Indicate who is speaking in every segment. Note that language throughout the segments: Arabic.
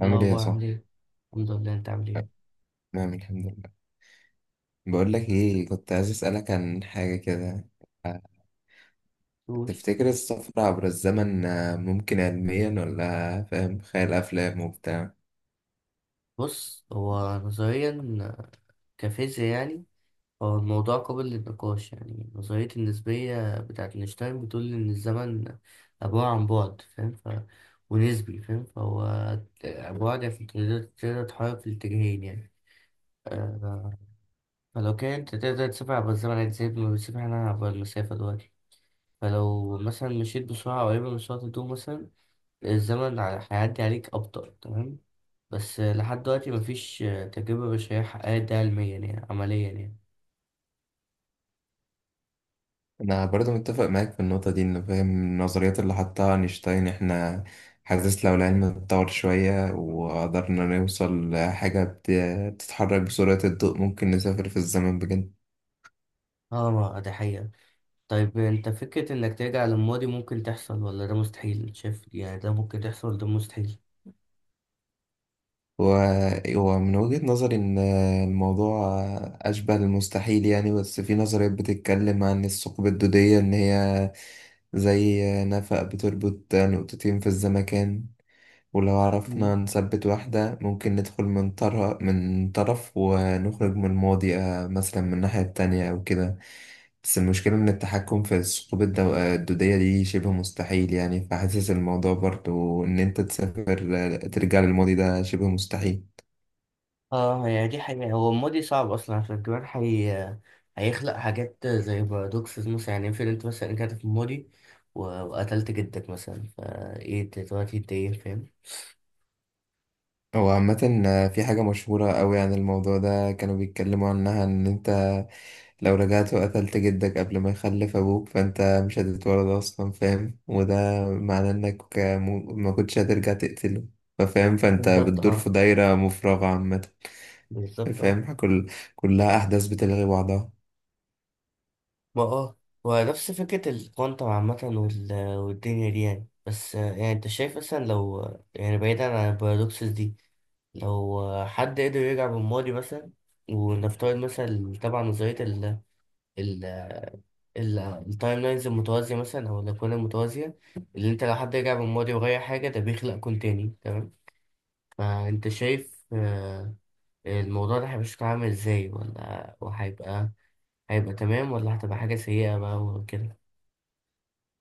Speaker 1: ايه
Speaker 2: عامل ايه يا
Speaker 1: الاخبار؟ عامل
Speaker 2: صاحبي؟
Speaker 1: ايه؟ الحمد لله. انت عامل ايه؟
Speaker 2: نعم، الحمد لله. بقول لك ايه، كنت عايز اسألك عن حاجة كده. آه،
Speaker 1: قول.
Speaker 2: تفتكر السفر عبر الزمن ممكن علميا ولا فاهم خيال أفلام وبتاع؟
Speaker 1: بص، هو نظريا كفيزياء يعني، هو الموضوع قابل للنقاش يعني. نظرية النسبية بتاعت اينشتاين بتقول إن الزمن عبارة عن بعد، فاهم؟ ونسبي، فاهم، فهو بعد يعني تقدر تتحرك في الاتجاهين يعني. آه، فلو كان أنت تقدر تسافر عبر الزمن يعني زي ما بنسافر احنا عبر المسافة دلوقتي، فلو مثلا مشيت بسرعة قريبة من سرعة الضوء مثلا، الزمن هيعدي عليك أبطأ. تمام؟ بس لحد دلوقتي مفيش تجربة بشرية حققت ده علميا يعني عمليا يعني.
Speaker 2: أنا برضو متفق معاك في النقطة دي، إنه فاهم النظريات اللي حطها أينشتاين إحنا حاسس لو العلم اتطور شوية وقدرنا نوصل لحاجة بتتحرك بسرعة الضوء ممكن نسافر في الزمن بجد.
Speaker 1: اه، ما ده حقيقة. طيب انت، فكرة انك ترجع للماضي ممكن تحصل ولا ده مستحيل؟ شايف يعني ده ممكن تحصل ولا ده مستحيل؟
Speaker 2: ومن وجهة نظري إن الموضوع أشبه للمستحيل يعني، بس في نظريات بتتكلم عن الثقب الدودية، إن هي زي نفق بتربط نقطتين في الزمكان، ولو
Speaker 1: مم.
Speaker 2: عرفنا نثبت واحدة ممكن ندخل من طرف ونخرج من الماضي، مثلا من الناحية التانية أو كده. بس المشكلة إن التحكم في الثقوب الدودية دي شبه مستحيل يعني، فحاسس الموضوع برضو إن أنت تسافر ترجع للماضي ده شبه مستحيل.
Speaker 1: اه يعني دي حقيقة. هو الماضي صعب اصلا عشان كمان هيخلق حاجات زي بارادوكسز مثلا. يعني افرض انت مثلا رجعت في الماضي وقتلت جدك مثلا، فايه انت دلوقتي، انت ايه؟ فاهم؟
Speaker 2: هو عامة في حاجة مشهورة أوي عن الموضوع ده كانوا بيتكلموا عنها، إن أنت لو رجعت وقتلت جدك قبل ما يخلف أبوك فأنت مش هتتولد أصلا، فاهم، وده معناه إنك ما كنتش هترجع تقتله، فاهم، فأنت
Speaker 1: بالظبط
Speaker 2: بتدور
Speaker 1: اه.
Speaker 2: في دايرة مفرغة عامة.
Speaker 1: بالظبط اه.
Speaker 2: فاهم، كلها أحداث بتلغي بعضها.
Speaker 1: ما اه ونفس فكرة الكوانتم عامة والدنيا دي يعني. بس يعني انت شايف مثلا، لو يعني بعيدا عن البارادوكسز دي، لو حد قدر يرجع بالماضي مثلا، ونفترض مثلا، طبعا نظرية ال ال التايم لاينز المتوازية مثلا، أو الأكوان المتوازية، اللي أنت لو حد رجع بالماضي وغير حاجة ده بيخلق كون تاني. تمام؟ فأنت شايف الموضوع ده هيبقى شكله عامل ازاي؟ ولا هيبقى تمام ولا هتبقى حاجة سيئة بقى وكده؟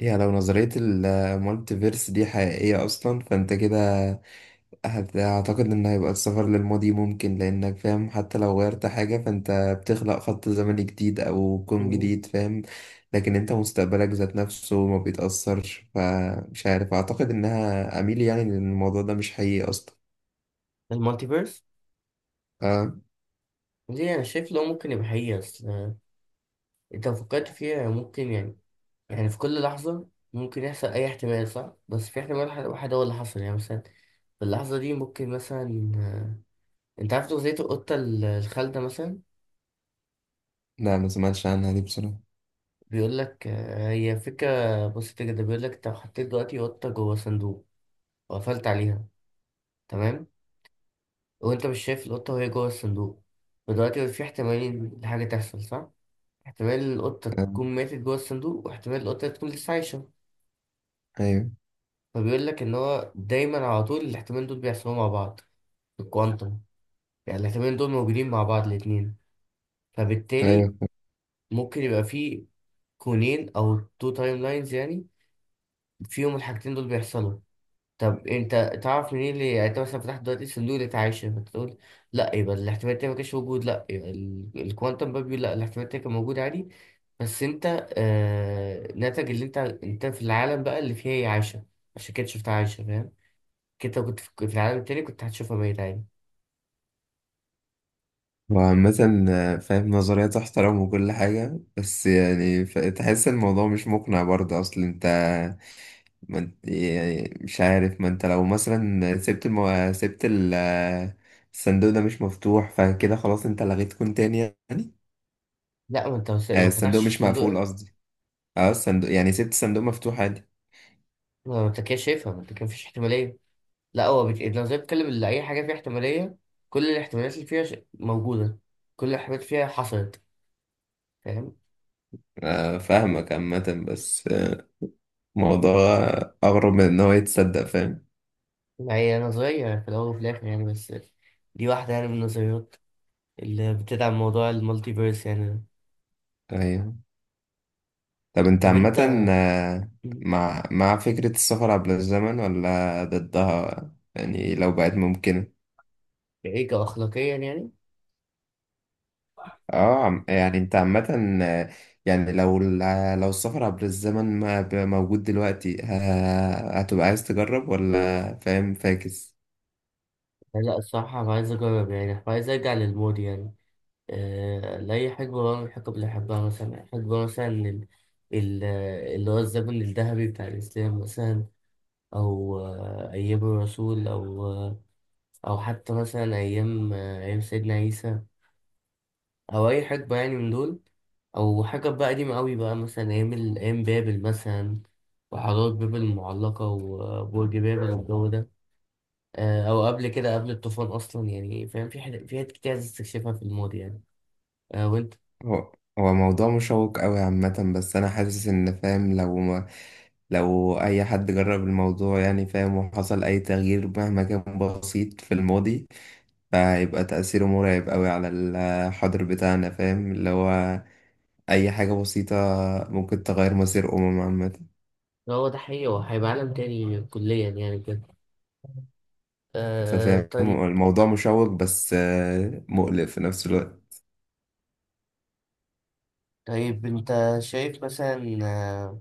Speaker 2: يعني لو نظرية المالتيفيرس دي حقيقية أصلا فأنت كده أعتقد إن هيبقى السفر للماضي ممكن، لأنك فاهم حتى لو غيرت حاجة فأنت بتخلق خط زمني جديد أو كون جديد، فاهم. لكن أنت مستقبلك ذات نفسه ما بيتأثرش، فمش عارف، أعتقد إنها أميل يعني لأن الموضوع ده مش حقيقي أصلا.
Speaker 1: المالتيفيرس
Speaker 2: أه،
Speaker 1: دي انا شايف لو ممكن يبقى حقيقة، اصل انت لو فكرت فيها ممكن يعني. يعني في كل لحظة ممكن يحصل اي احتمال، صح؟ بس في احتمال واحد واحد هو اللي حصل، يعني مثلا في اللحظة دي ممكن مثلا، انت عارف نظرية القطة الخالدة مثلا؟
Speaker 2: لا ما سمعتش عنها دي بصراحة.
Speaker 1: بيقول لك، هي فكرة بسيطة جدا. بيقول لك، انت لو حطيت دلوقتي قطة جوه صندوق وقفلت عليها، تمام؟ وانت مش شايف القطة وهي جوه الصندوق، فدلوقتي في احتمالين لحاجة تحصل، صح؟ احتمال القطة
Speaker 2: أه.
Speaker 1: تكون ماتت جوه الصندوق، واحتمال القطة تكون لسه عايشة.
Speaker 2: أيوه،
Speaker 1: فبيقول لك إن هو دايما على طول الاحتمالين دول بيحصلوا مع بعض في الكوانتم. يعني الاحتمالين دول موجودين مع بعض الاتنين. فبالتالي
Speaker 2: أيوه.
Speaker 1: ممكن يبقى في كونين أو تو تايم لاينز يعني، فيهم الحاجتين دول بيحصلوا. طب انت تعرف منين؟ اللي يعني انت مثلا فتحت دلوقتي صندوق الاتعاشر فتقول لا، يبقى الاحتمال ده ما كانش موجود. لا، يبقى الكوانتم باب بيقول لا، الاحتمال ده كان موجود عادي، بس انت آه ناتج اللي انت، انت في العالم بقى اللي فيه هي عايشه، عشان كده شفت عايشه، فاهم؟ كده لو كنت في العالم التاني كنت هتشوفها ميت عادي.
Speaker 2: وعامة فاهم نظرية تحترم وكل حاجة بس يعني تحس الموضوع مش مقنع برضه، أصل أنت ما انت يعني مش عارف، ما انت لو مثلا سبت المو... سبت ال... الصندوق ده مش مفتوح فكده خلاص انت لغيت كون تاني يعني.
Speaker 1: لا، ما انت لو ما
Speaker 2: الصندوق
Speaker 1: فتحتش
Speaker 2: مش
Speaker 1: الصندوق
Speaker 2: مقفول
Speaker 1: ده،
Speaker 2: قصدي. اه، الصندوق يعني سبت الصندوق مفتوح عادي.
Speaker 1: ما انت كده شايفها. ما انت كان مفيش احتماليه. لا، هو لو زي بتتكلم اللي اي حاجه فيها احتماليه، كل الاحتمالات اللي فيها موجوده، كل الاحتمالات فيها حصلت. فاهم؟
Speaker 2: فاهمك عامة، بس الموضوع أغرب من إن هو يتصدق، فاهم.
Speaker 1: هي نظرية في الأول وفي الآخر يعني، بس دي واحدة يعني من النظريات اللي بتدعم موضوع المالتيفيرس يعني.
Speaker 2: أيوه. طب أنت
Speaker 1: طب
Speaker 2: عامة
Speaker 1: أنت،
Speaker 2: آه، مع فكرة السفر عبر الزمن ولا ضدها يعني، لو بقت ممكنة؟
Speaker 1: إيه كأخلاقيا يعني؟
Speaker 2: اه، يعني انت عامة يعني لو السفر عبر الزمن ما ب- موجود دلوقتي هتبقى عايز تجرب ولا فاهم فاكس؟
Speaker 1: لا الصراحة أنا عايز أجرب يعني. عايز أرجع للمود يعني، لأي حقبة بقى من الحقب اللي أحبها، مثلا حقبة مثلا ال- اللي هو الزمن الذهبي بتاع الإسلام مثلا، أو أيام الرسول، أو أو حتى مثلا أيام أيام سيدنا عيسى، أو أي حقبة يعني من دول، أو حاجة بقى قديمة أوي بقى، مثلا أيام أيام بابل مثلا، وحضارة بابل المعلقة وبرج بابل والجو ده. أو قبل كده، قبل الطوفان أصلا، يعني فاهم في حاجات كتير عايز تستكشفها في الماضي يعني. وأنت؟
Speaker 2: هو هو موضوع مشوق قوي عامة، بس انا حاسس ان فاهم لو ما، لو اي حد جرب الموضوع يعني فاهم وحصل اي تغيير مهما كان بسيط في الماضي فهيبقى تأثيره مرعب قوي على الحاضر بتاعنا، فاهم اللي هو اي حاجة بسيطة ممكن تغير مصير عامة.
Speaker 1: هو ده حقيقي، هو هيبقى عالم تاني كليا يعني كده.
Speaker 2: انت
Speaker 1: آه
Speaker 2: فاهم
Speaker 1: طيب.
Speaker 2: الموضوع مشوق بس مقلق في نفس الوقت.
Speaker 1: طيب أنت شايف مثلا،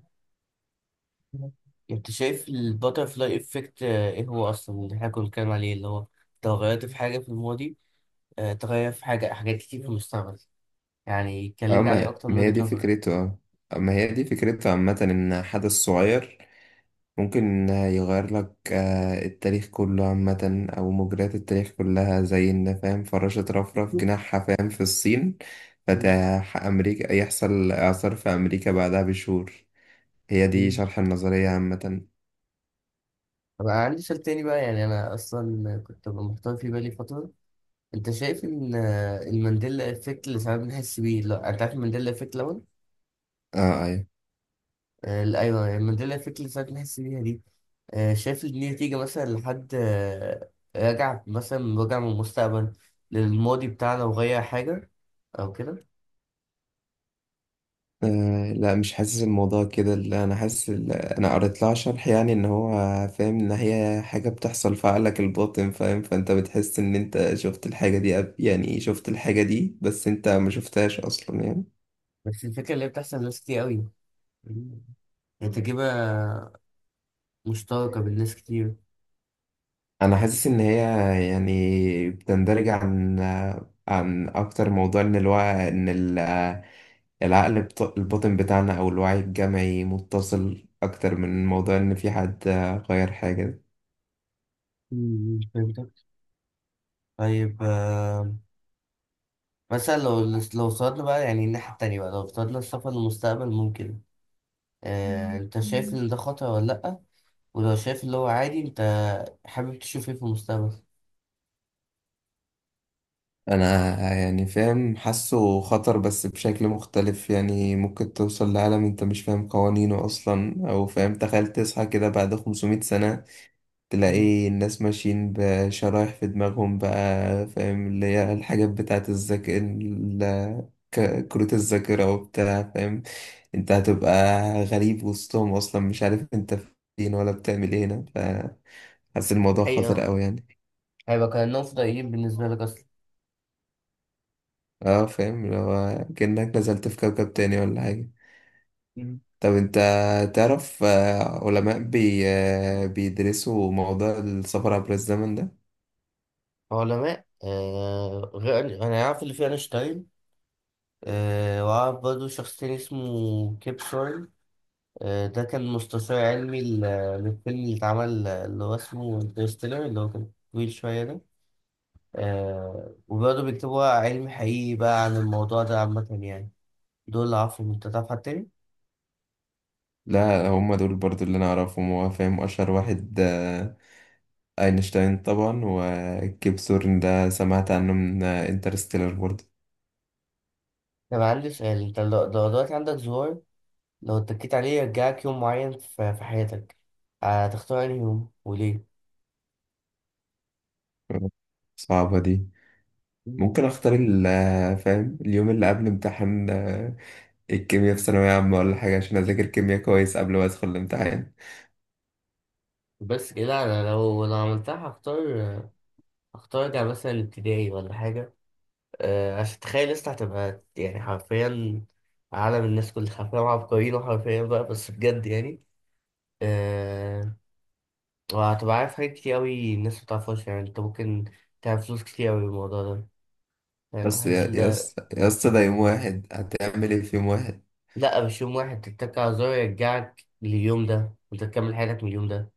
Speaker 1: انت شايف الباترفلاي افكت، ايه هو اصلا؟ اللي احنا كنا بنتكلم عليه، اللي هو تغيرت في حاجه في الماضي، تغير في حاجة حاجات كتير في المستقبل يعني.
Speaker 2: اه،
Speaker 1: كلمني عليه
Speaker 2: ما
Speaker 1: أكتر من
Speaker 2: ما هي
Speaker 1: وجهة
Speaker 2: دي
Speaker 1: نظرك.
Speaker 2: فكرته، اه، ما هي دي فكرته عامة، ان حدث صغير ممكن يغير لك التاريخ كله عامة، او مجريات التاريخ كلها، زي ان فاهم فراشة رفرف جناحها فاهم في الصين
Speaker 1: مم.
Speaker 2: فتح امريكا يحصل اعصار في امريكا بعدها بشهور. هي دي
Speaker 1: مم.
Speaker 2: شرح النظرية عامة.
Speaker 1: طب أنا عندي سؤال تاني بقى. يعني أنا أصلا كنت ببقى محتار في بالي فترة، أنت شايف إن المانديلا إفكت اللي ساعات بنحس بيه؟ لا، أنت عارف المانديلا إفكت الأول؟
Speaker 2: اه، ايوه.
Speaker 1: لا، أيوه، المانديلا إفكت اللي ساعات بنحس بيها دي، شايف إن دي نتيجة مثلا لحد رجع مثلا، رجع من المستقبل للماضي بتاعنا وغير حاجة أو كده؟
Speaker 2: آه، لا مش حاسس الموضوع كده، لا، انا قريت لها شرح يعني، ان هو فاهم ان هي حاجه بتحصل في عقلك الباطن، فاهم، فانت بتحس ان انت شفت الحاجه دي يعني شفت الحاجه دي بس انت ما شفتهاش اصلا يعني.
Speaker 1: بس الفكرة اللي هي بتحصل لناس كتير أوي. مم. هي تجربة مشتركة بين ناس كتير.
Speaker 2: انا حاسس ان هي يعني بتندرج عن، اكتر موضوع، ان الوعي، ان العقل الباطن بتاعنا او الوعي الجمعي متصل اكتر من موضوع ان في حد غير حاجه.
Speaker 1: مم، فهمتك. طيب آه، مثلا لو لو صعدنا بقى يعني الناحية التانية بقى، لو افترضنا السفر للمستقبل ممكن، آه انت شايف ان ده خطر ولا لأ؟ ولو شايف اللي هو عادي، انت حابب تشوف ايه في المستقبل؟
Speaker 2: انا يعني فاهم حاسه خطر بس بشكل مختلف يعني، ممكن توصل لعالم انت مش فاهم قوانينه اصلا، او فاهم تخيل تصحى كده بعد 500 سنة
Speaker 1: مم.
Speaker 2: تلاقي الناس ماشيين بشرايح في دماغهم بقى، فاهم اللي هي الحاجات بتاعت الذاكرة كروت الذاكرة وبتاع فاهم. انت هتبقى غريب وسطهم اصلا، مش عارف انت فين ولا بتعمل ايه هنا، فحاسس
Speaker 1: دي
Speaker 2: الموضوع خطر
Speaker 1: حقيقة.
Speaker 2: قوي يعني.
Speaker 1: هيبقى كأنهم فضائيين بالنسبة لك أصلا.
Speaker 2: اه فاهم لو كأنك نزلت في كوكب تاني ولا حاجة.
Speaker 1: مم.
Speaker 2: طب انت تعرف علماء بي آه، بيدرسوا موضوع السفر عبر الزمن ده؟
Speaker 1: علماء آه، غير أنا عارف اللي فيه أينشتاين، آه وأعرف برضه شخص تاني اسمه كيب، ده كان مستشار علمي للفيلم اللي اتعمل، اللي هو اسمه انترستيلر اللي هو كان طويل شوية ده. آه وبرضه بيكتبوا علم حقيقي بقى عن الموضوع ده عامة يعني. دول اللي عارفهم، انت تعرف حد تاني؟
Speaker 2: لا، هم دول برضو اللي انا اعرفهم، هو فاهم اشهر واحد اينشتاين طبعا، وكيب ثورن ده سمعت عنه من انترستيلر برضو.
Speaker 1: طب عندي سؤال، انت لو دلوقتي عندك زهور، لو اتكيت عليه يرجعك يوم معين في حياتك، هتختار انهي يوم وليه؟
Speaker 2: صعبة دي.
Speaker 1: مم.
Speaker 2: ممكن اختار فاهم اليوم اللي قبل امتحان الكيمياء في ثانوية عامة ولا حاجة عشان اذاكر كيمياء كويس قبل ما ادخل الامتحان.
Speaker 1: بس كده انا لو عملتها هختار، ارجع مثلا ابتدائي ولا حاجة. عشان تخيل، لسه هتبقى يعني حرفيا عالم، الناس كلها حرفيا عبقريين، وحرفيا بقى بس بجد يعني. أه. وهتبقى عارف حاجات كتير أوي الناس ما بتعرفهاش، يعني انت ممكن تعمل فلوس كتير أوي بالموضوع ده. فاهم،
Speaker 2: بس
Speaker 1: حاسس إن
Speaker 2: يا
Speaker 1: ده.
Speaker 2: اسطى يا اسطى ده يوم واحد، هتعمل ايه في يوم واحد؟
Speaker 1: لأ مش يوم واحد، تتك على زرار يرجعك لليوم ده وانت تكمل حياتك من اليوم ده.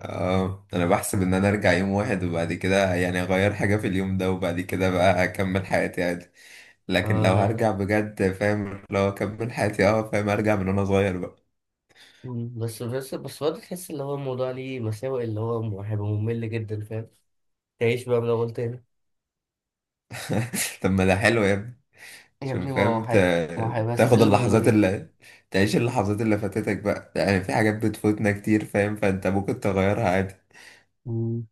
Speaker 2: اه، انا بحسب ان انا ارجع يوم واحد وبعد كده يعني اغير حاجة في اليوم ده وبعد كده بقى اكمل حياتي عادي، لكن
Speaker 1: اه
Speaker 2: لو
Speaker 1: لا لا.
Speaker 2: هرجع بجد فاهم لو اكمل حياتي اه فاهم ارجع من وانا صغير بقى.
Speaker 1: مم، بس برضه تحس اللي هو الموضوع ليه مساوئ، اللي هو هيبقى ممل جدا فاهم، تعيش بقى من الأول تاني.
Speaker 2: طب ما ده حلو يا ابني.
Speaker 1: يا
Speaker 2: عشان
Speaker 1: ابني ما
Speaker 2: فاهم
Speaker 1: هو ما هو
Speaker 2: ت-
Speaker 1: هيبقى
Speaker 2: تاخد
Speaker 1: ستيل
Speaker 2: اللحظات اللي تعيش اللحظات اللي فاتتك بقى يعني، في حاجات بتفوتنا كتير فاهم، فانت ممكن تغيرها عادي.
Speaker 1: ممل.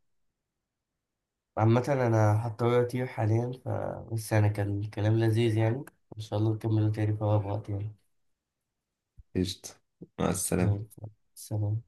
Speaker 1: عامة أنا هضطر أطير حاليا، فبس أنا كان الكلام لذيذ يعني، إن شاء الله نكمله تاني في أقرب وقت يعني.
Speaker 2: قشطة. مع
Speaker 1: زي
Speaker 2: السلامة.
Speaker 1: الفل. سلام.